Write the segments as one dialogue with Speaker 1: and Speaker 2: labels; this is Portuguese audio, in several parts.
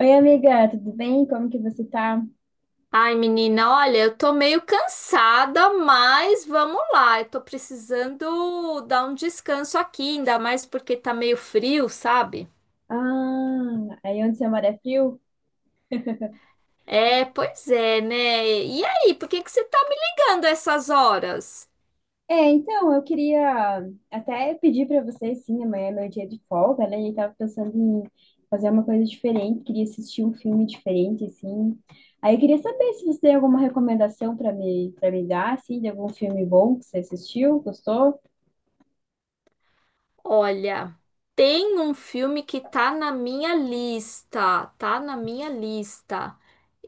Speaker 1: Oi, amiga, tudo bem? Como que você tá?
Speaker 2: Ai, menina, olha, eu tô meio cansada, mas vamos lá. Eu tô precisando dar um descanso aqui, ainda mais porque tá meio frio, sabe?
Speaker 1: Ah, aí onde você mora é frio?
Speaker 2: É, pois é, né? E aí, por que que você tá me ligando a essas horas?
Speaker 1: É, então, eu queria até pedir pra você, sim, amanhã é meu dia de folga, né? E tava pensando em fazer uma coisa diferente, queria assistir um filme diferente, assim. Aí eu queria saber se você tem alguma recomendação para me dar, assim, de algum filme bom que você assistiu, gostou?
Speaker 2: Olha, tem um filme que tá na minha lista, tá na minha lista.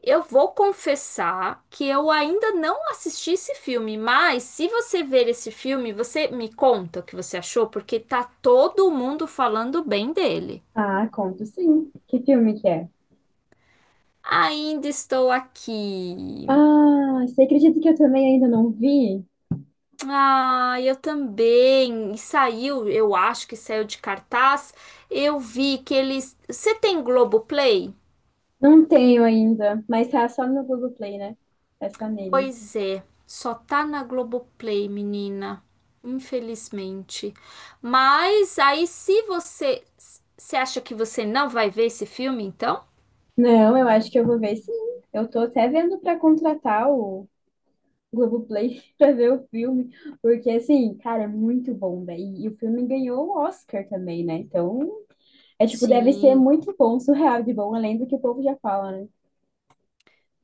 Speaker 2: Eu vou confessar que eu ainda não assisti esse filme, mas se você ver esse filme, você me conta o que você achou, porque tá todo mundo falando bem dele.
Speaker 1: Ah, conto sim. Que filme que é?
Speaker 2: Ainda estou aqui.
Speaker 1: Ah, você acredita que eu também ainda não vi?
Speaker 2: Ah, eu também. E saiu, eu acho que saiu de cartaz. Eu vi que eles. Você tem Globoplay?
Speaker 1: Não tenho ainda, mas tá só no Google Play, né? É só nele.
Speaker 2: Pois é, só tá na Globoplay, menina. Infelizmente. Mas aí, se você. Você acha que você não vai ver esse filme, então?
Speaker 1: Não, eu acho que eu vou ver sim. Eu tô até vendo pra contratar o Globoplay pra ver o filme, porque assim, cara, é muito bom, velho. E o filme ganhou o Oscar também, né? Então, é tipo, deve ser
Speaker 2: Sim.
Speaker 1: muito bom, surreal de bom, além do que o povo já fala, né?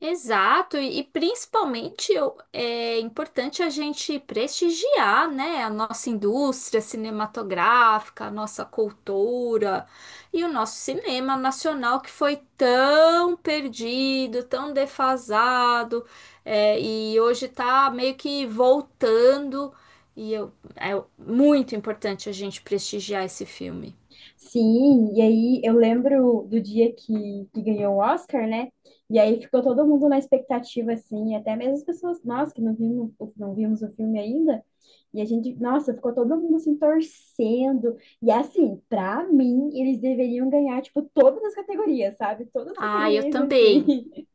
Speaker 2: Exato, e principalmente é importante a gente prestigiar, né, a nossa indústria cinematográfica, a nossa cultura e o nosso cinema nacional que foi tão perdido, tão defasado, e hoje está meio que voltando, e é muito importante a gente prestigiar esse filme.
Speaker 1: Sim, e aí eu lembro do dia que ganhou o Oscar, né? E aí ficou todo mundo na expectativa, assim, até mesmo as pessoas, nós que não vimos o filme ainda, e a gente, nossa, ficou todo mundo assim torcendo. E assim, pra mim, eles deveriam ganhar, tipo, todas as categorias, sabe? Todas as
Speaker 2: Ah, eu
Speaker 1: categorias,
Speaker 2: também.
Speaker 1: assim.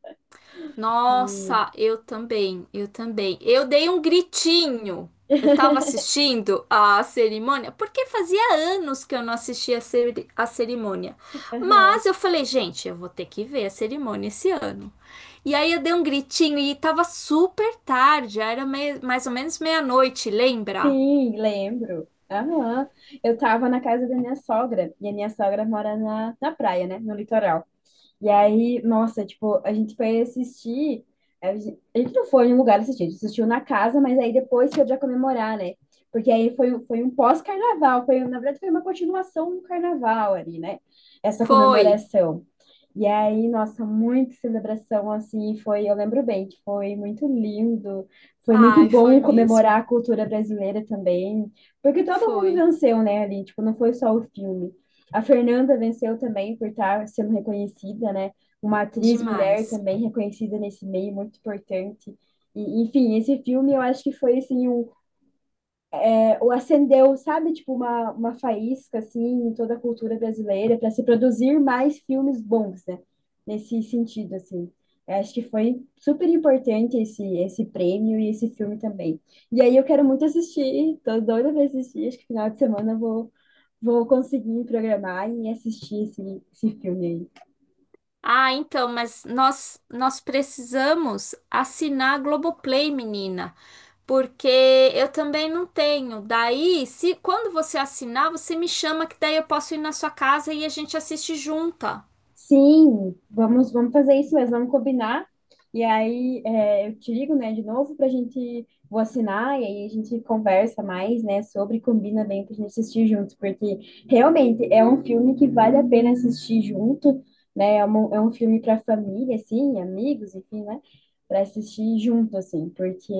Speaker 1: E,
Speaker 2: Nossa, eu também, eu também. Eu dei um gritinho. Eu tava assistindo a cerimônia, porque fazia anos que eu não assistia a a cerimônia.
Speaker 1: aham.
Speaker 2: Mas eu falei, gente, eu vou ter que ver a cerimônia esse ano. E aí eu dei um gritinho e tava super tarde, já era mais ou menos meia-noite, lembra?
Speaker 1: Sim, lembro. Aham. Eu tava na casa da minha sogra, e a minha sogra mora na praia, né? No litoral. E aí, nossa, tipo, a gente foi assistir. A gente não foi em um lugar assistir, a gente assistiu na casa, mas aí depois foi já comemorar, né? Porque aí foi, foi um pós-carnaval, foi, na verdade, foi uma continuação do carnaval ali, né? Essa
Speaker 2: Foi.
Speaker 1: comemoração. E aí, nossa, muita celebração assim, foi, eu lembro bem, que foi muito lindo, foi muito
Speaker 2: Ai, foi
Speaker 1: bom
Speaker 2: mesmo.
Speaker 1: comemorar a cultura brasileira também, porque todo mundo
Speaker 2: Foi
Speaker 1: venceu, né, ali, tipo, não foi só o filme. A Fernanda venceu também por estar sendo reconhecida, né? Uma atriz mulher
Speaker 2: demais.
Speaker 1: também reconhecida nesse meio, muito importante. E, enfim, esse filme eu acho que foi assim, um, é, ou acendeu, sabe, tipo uma faísca assim em toda a cultura brasileira para se produzir mais filmes bons, né? Nesse sentido, assim. Eu acho que foi super importante esse prêmio e esse filme também. E aí eu quero muito assistir, tô doida pra assistir, acho que final de semana eu vou conseguir programar e assistir esse filme aí.
Speaker 2: Ah, então, mas nós precisamos assinar a Globoplay, menina, porque eu também não tenho. Daí, se quando você assinar, você me chama que daí eu posso ir na sua casa e a gente assiste junta.
Speaker 1: Sim, vamos fazer isso mesmo, vamos combinar. E aí, é, eu te ligo, né, de novo pra gente, vou assinar e aí a gente conversa mais, né, sobre, combina bem pra gente assistir juntos, porque realmente é um filme que vale a pena assistir junto, né, é é um filme pra família, assim, amigos, enfim, né, pra assistir junto, assim, porque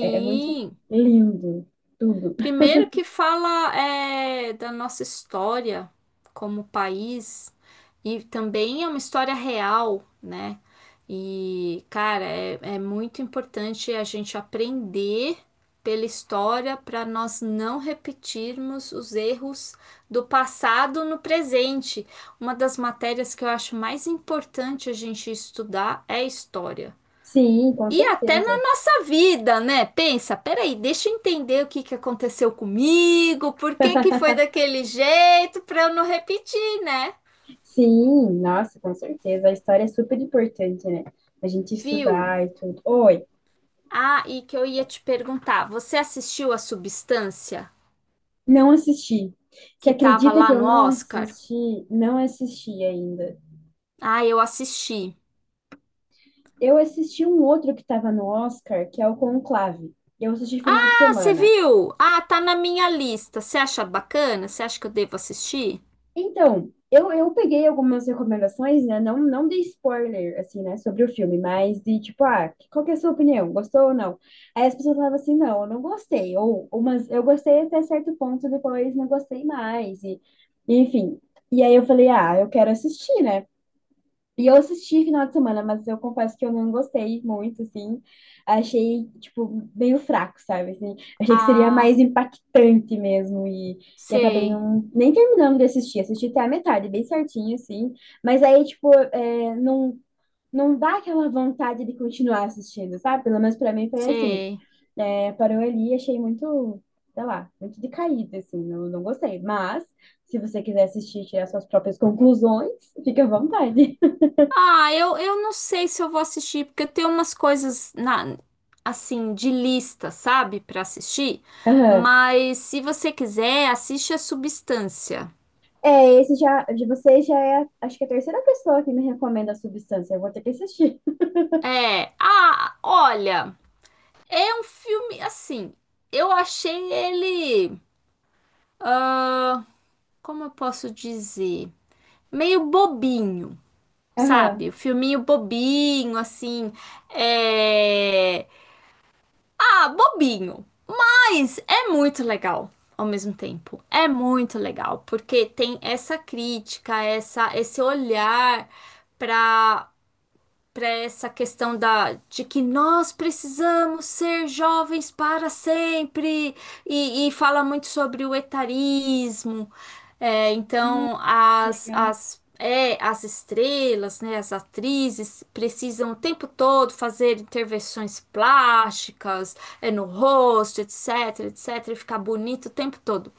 Speaker 1: é muito lindo tudo.
Speaker 2: Primeiro que fala da nossa história como país e também é uma história real, né? E, cara, é muito importante a gente aprender pela história para nós não repetirmos os erros do passado no presente. Uma das matérias que eu acho mais importante a gente estudar é a história.
Speaker 1: Sim, com
Speaker 2: E até na
Speaker 1: certeza.
Speaker 2: nossa vida, né? Pensa, peraí, deixa eu entender o que que aconteceu comigo, por que que foi daquele jeito, para eu não repetir, né?
Speaker 1: Sim, nossa, com certeza. A história é super importante, né? A gente
Speaker 2: Viu?
Speaker 1: estudar e tudo. Oi,
Speaker 2: Ah, e que eu ia te perguntar, você assistiu a Substância
Speaker 1: não assisti. Você
Speaker 2: que tava
Speaker 1: acredita que
Speaker 2: lá
Speaker 1: eu
Speaker 2: no
Speaker 1: não
Speaker 2: Oscar?
Speaker 1: assisti? Não assisti ainda.
Speaker 2: Ah, eu assisti.
Speaker 1: Eu assisti um outro que estava no Oscar, que é o Conclave. Eu assisti final de
Speaker 2: Ah, você
Speaker 1: semana.
Speaker 2: viu? Ah, tá na minha lista. Você acha bacana? Você acha que eu devo assistir?
Speaker 1: Então, eu peguei algumas recomendações, né? Não dei spoiler, assim, né? Sobre o filme, mas de tipo, ah, qual que é a sua opinião? Gostou ou não? Aí as pessoas falavam assim, não, eu não gostei. Ou mas eu gostei até certo ponto, depois não gostei mais. E, enfim. E aí eu falei, ah, eu quero assistir, né? E eu assisti final de semana, mas eu confesso que eu não gostei muito, assim. Achei, tipo, meio fraco, sabe? Assim. Achei que seria mais
Speaker 2: Ah,
Speaker 1: impactante mesmo. E acabei
Speaker 2: sei,
Speaker 1: não, nem terminando de assistir. Assisti até a metade, bem certinho, assim. Mas aí, tipo, é, não, não dá aquela vontade de continuar assistindo, sabe? Pelo menos pra mim foi assim.
Speaker 2: sei.
Speaker 1: É, parou ali, e achei muito, sei lá, muito decaído, assim. Não, não gostei. Mas, se você quiser assistir e tirar suas próprias conclusões, fica à vontade.
Speaker 2: Ah, eu não sei se eu vou assistir, porque eu tenho umas coisas na, assim, de lista, sabe, pra assistir.
Speaker 1: Aham.
Speaker 2: Mas se você quiser, assiste a Substância.
Speaker 1: É, esse já, de você já é, acho que a terceira pessoa que me recomenda a substância. Eu vou ter que assistir.
Speaker 2: Olha, é um filme assim. Eu achei ele, como eu posso dizer, meio bobinho,
Speaker 1: Aham.
Speaker 2: sabe? O filminho bobinho, assim, é, bobinho. Mas é muito legal ao mesmo tempo. É muito legal, porque tem essa crítica, essa, esse olhar para para essa questão da, de que nós precisamos ser jovens para sempre, e fala muito sobre o etarismo. É,
Speaker 1: Ah,
Speaker 2: então,
Speaker 1: que legal.
Speaker 2: as estrelas, né, as atrizes, precisam o tempo todo fazer intervenções plásticas, no rosto, etc, etc, e ficar bonito o tempo todo.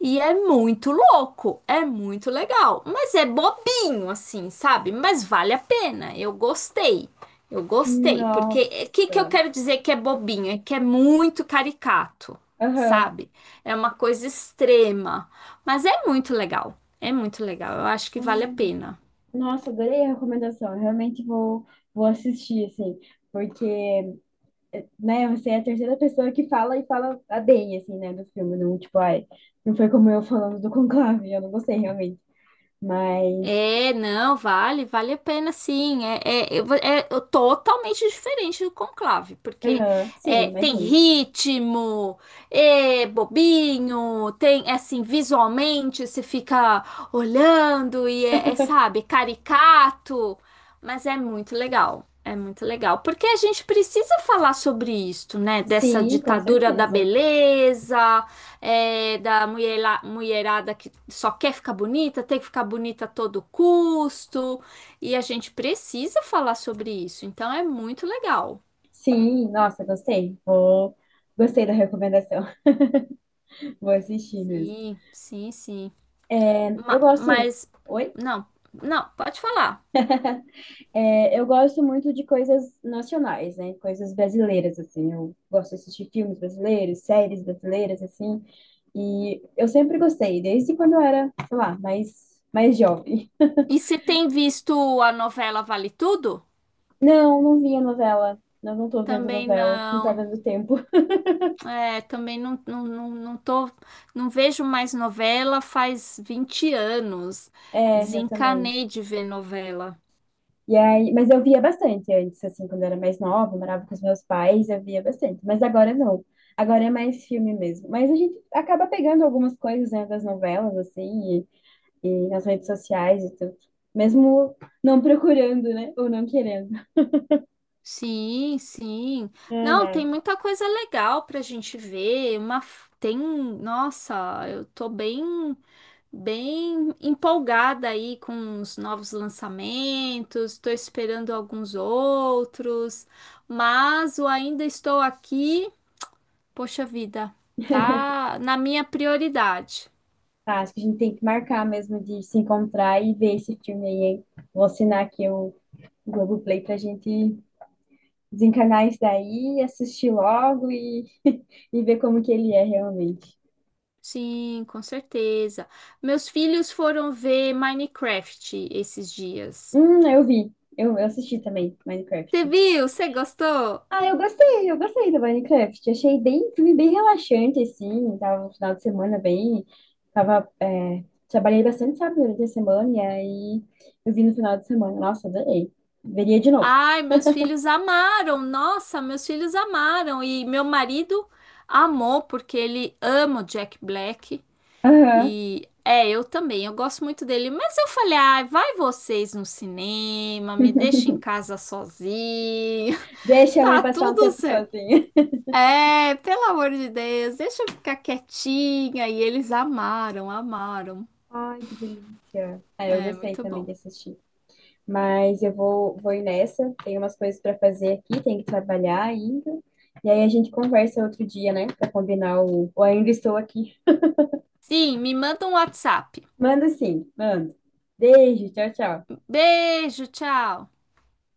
Speaker 2: E é muito louco, é muito legal, mas é bobinho assim, sabe? Mas vale a pena. Eu gostei. Eu gostei, porque o que que eu
Speaker 1: Nossa.
Speaker 2: quero dizer que é bobinho? É que é muito caricato,
Speaker 1: Aham.
Speaker 2: sabe? É uma coisa extrema, mas é muito legal. É muito legal. Eu acho que vale a
Speaker 1: Ai,
Speaker 2: pena.
Speaker 1: nossa, adorei a recomendação. Eu realmente vou assistir, assim, porque, né, você é a terceira pessoa que fala e fala a bem, assim, né, do filme. Não, tipo, ai, não foi como eu falando do Conclave, eu não gostei realmente. Mas,
Speaker 2: É, não, vale, vale a pena sim. Eu vou, totalmente diferente do Conclave, porque
Speaker 1: aham, sim,
Speaker 2: é, tem
Speaker 1: imagino.
Speaker 2: ritmo, é bobinho, tem é assim, visualmente você fica olhando e sabe, caricato, mas é muito legal. É muito legal, porque a gente precisa falar sobre isso, né? Dessa
Speaker 1: Sim, com
Speaker 2: ditadura da
Speaker 1: certeza.
Speaker 2: beleza, da mulherada que só quer ficar bonita, tem que ficar bonita a todo custo, e a gente precisa falar sobre isso, então é muito legal.
Speaker 1: Sim, nossa, gostei. Vou... Gostei da recomendação. Vou assistir mesmo.
Speaker 2: Sim, sim, sim.
Speaker 1: Eu
Speaker 2: Ma-
Speaker 1: gosto.
Speaker 2: mas,
Speaker 1: Oi?
Speaker 2: não, não, pode falar.
Speaker 1: É, eu gosto muito de coisas nacionais, né? Coisas brasileiras, assim. Eu gosto de assistir filmes brasileiros, séries brasileiras, assim. E eu sempre gostei, desde quando eu era, sei lá, mais jovem.
Speaker 2: E você tem visto a novela Vale Tudo?
Speaker 1: Não, não via novela. Não, não tô vendo
Speaker 2: Também
Speaker 1: novela. Não tá
Speaker 2: não.
Speaker 1: dando tempo.
Speaker 2: É, também não, não tô, não vejo mais novela faz 20 anos.
Speaker 1: É, eu também.
Speaker 2: Desencanei de ver novela.
Speaker 1: E aí, mas eu via bastante antes, assim, quando eu era mais nova, eu morava com os meus pais, eu via bastante. Mas agora não. Agora é mais filme mesmo. Mas a gente acaba pegando algumas coisas, né, das novelas, assim, e nas redes sociais e tudo. Mesmo não procurando, né? Ou não querendo.
Speaker 2: Sim, sim.
Speaker 1: Ai,
Speaker 2: Não, tem
Speaker 1: ai.
Speaker 2: muita coisa legal pra gente ver. Tem, nossa, eu tô bem, bem empolgada aí com os novos lançamentos. Tô esperando alguns outros, mas o ainda estou aqui. Poxa vida, tá na minha prioridade.
Speaker 1: Tá, acho que a gente tem que marcar mesmo de se encontrar e ver esse filme aí, hein? Vou assinar aqui o Globoplay pra gente desencanar isso daí, assistir logo e, e ver como que ele é realmente.
Speaker 2: Sim, com certeza. Meus filhos foram ver Minecraft esses dias.
Speaker 1: Eu vi. Eu assisti também
Speaker 2: Você
Speaker 1: Minecraft.
Speaker 2: viu? Você gostou?
Speaker 1: Ah, eu gostei do Minecraft. Achei bem, filme bem relaxante, assim. Tava no final de semana bem. Tava, é, trabalhei bastante, sabe, durante a semana. E aí eu vi no final de semana. Nossa, adorei. Veria de novo.
Speaker 2: Ai, meus filhos amaram. Nossa, meus filhos amaram. E meu marido amou porque ele ama o Jack Black.
Speaker 1: Aham.
Speaker 2: Eu também, eu gosto muito dele. Mas eu falei, ai, vai vocês no cinema, me deixa em casa sozinho.
Speaker 1: Deixa a mãe
Speaker 2: Tá
Speaker 1: passar um
Speaker 2: tudo
Speaker 1: tempo
Speaker 2: certo.
Speaker 1: sozinha.
Speaker 2: É, pelo amor de Deus, deixa eu ficar quietinha. E eles amaram, amaram.
Speaker 1: Ai, que delícia. Ah, eu
Speaker 2: É,
Speaker 1: gostei
Speaker 2: muito
Speaker 1: também de
Speaker 2: bom.
Speaker 1: assistir. Mas eu vou ir nessa. Tem umas coisas para fazer aqui, tem que trabalhar ainda. E aí a gente conversa outro dia, né? Para combinar o. Ou ainda estou aqui.
Speaker 2: Sim, me manda um WhatsApp.
Speaker 1: Manda sim, manda. Beijo, tchau, tchau.
Speaker 2: Beijo, tchau.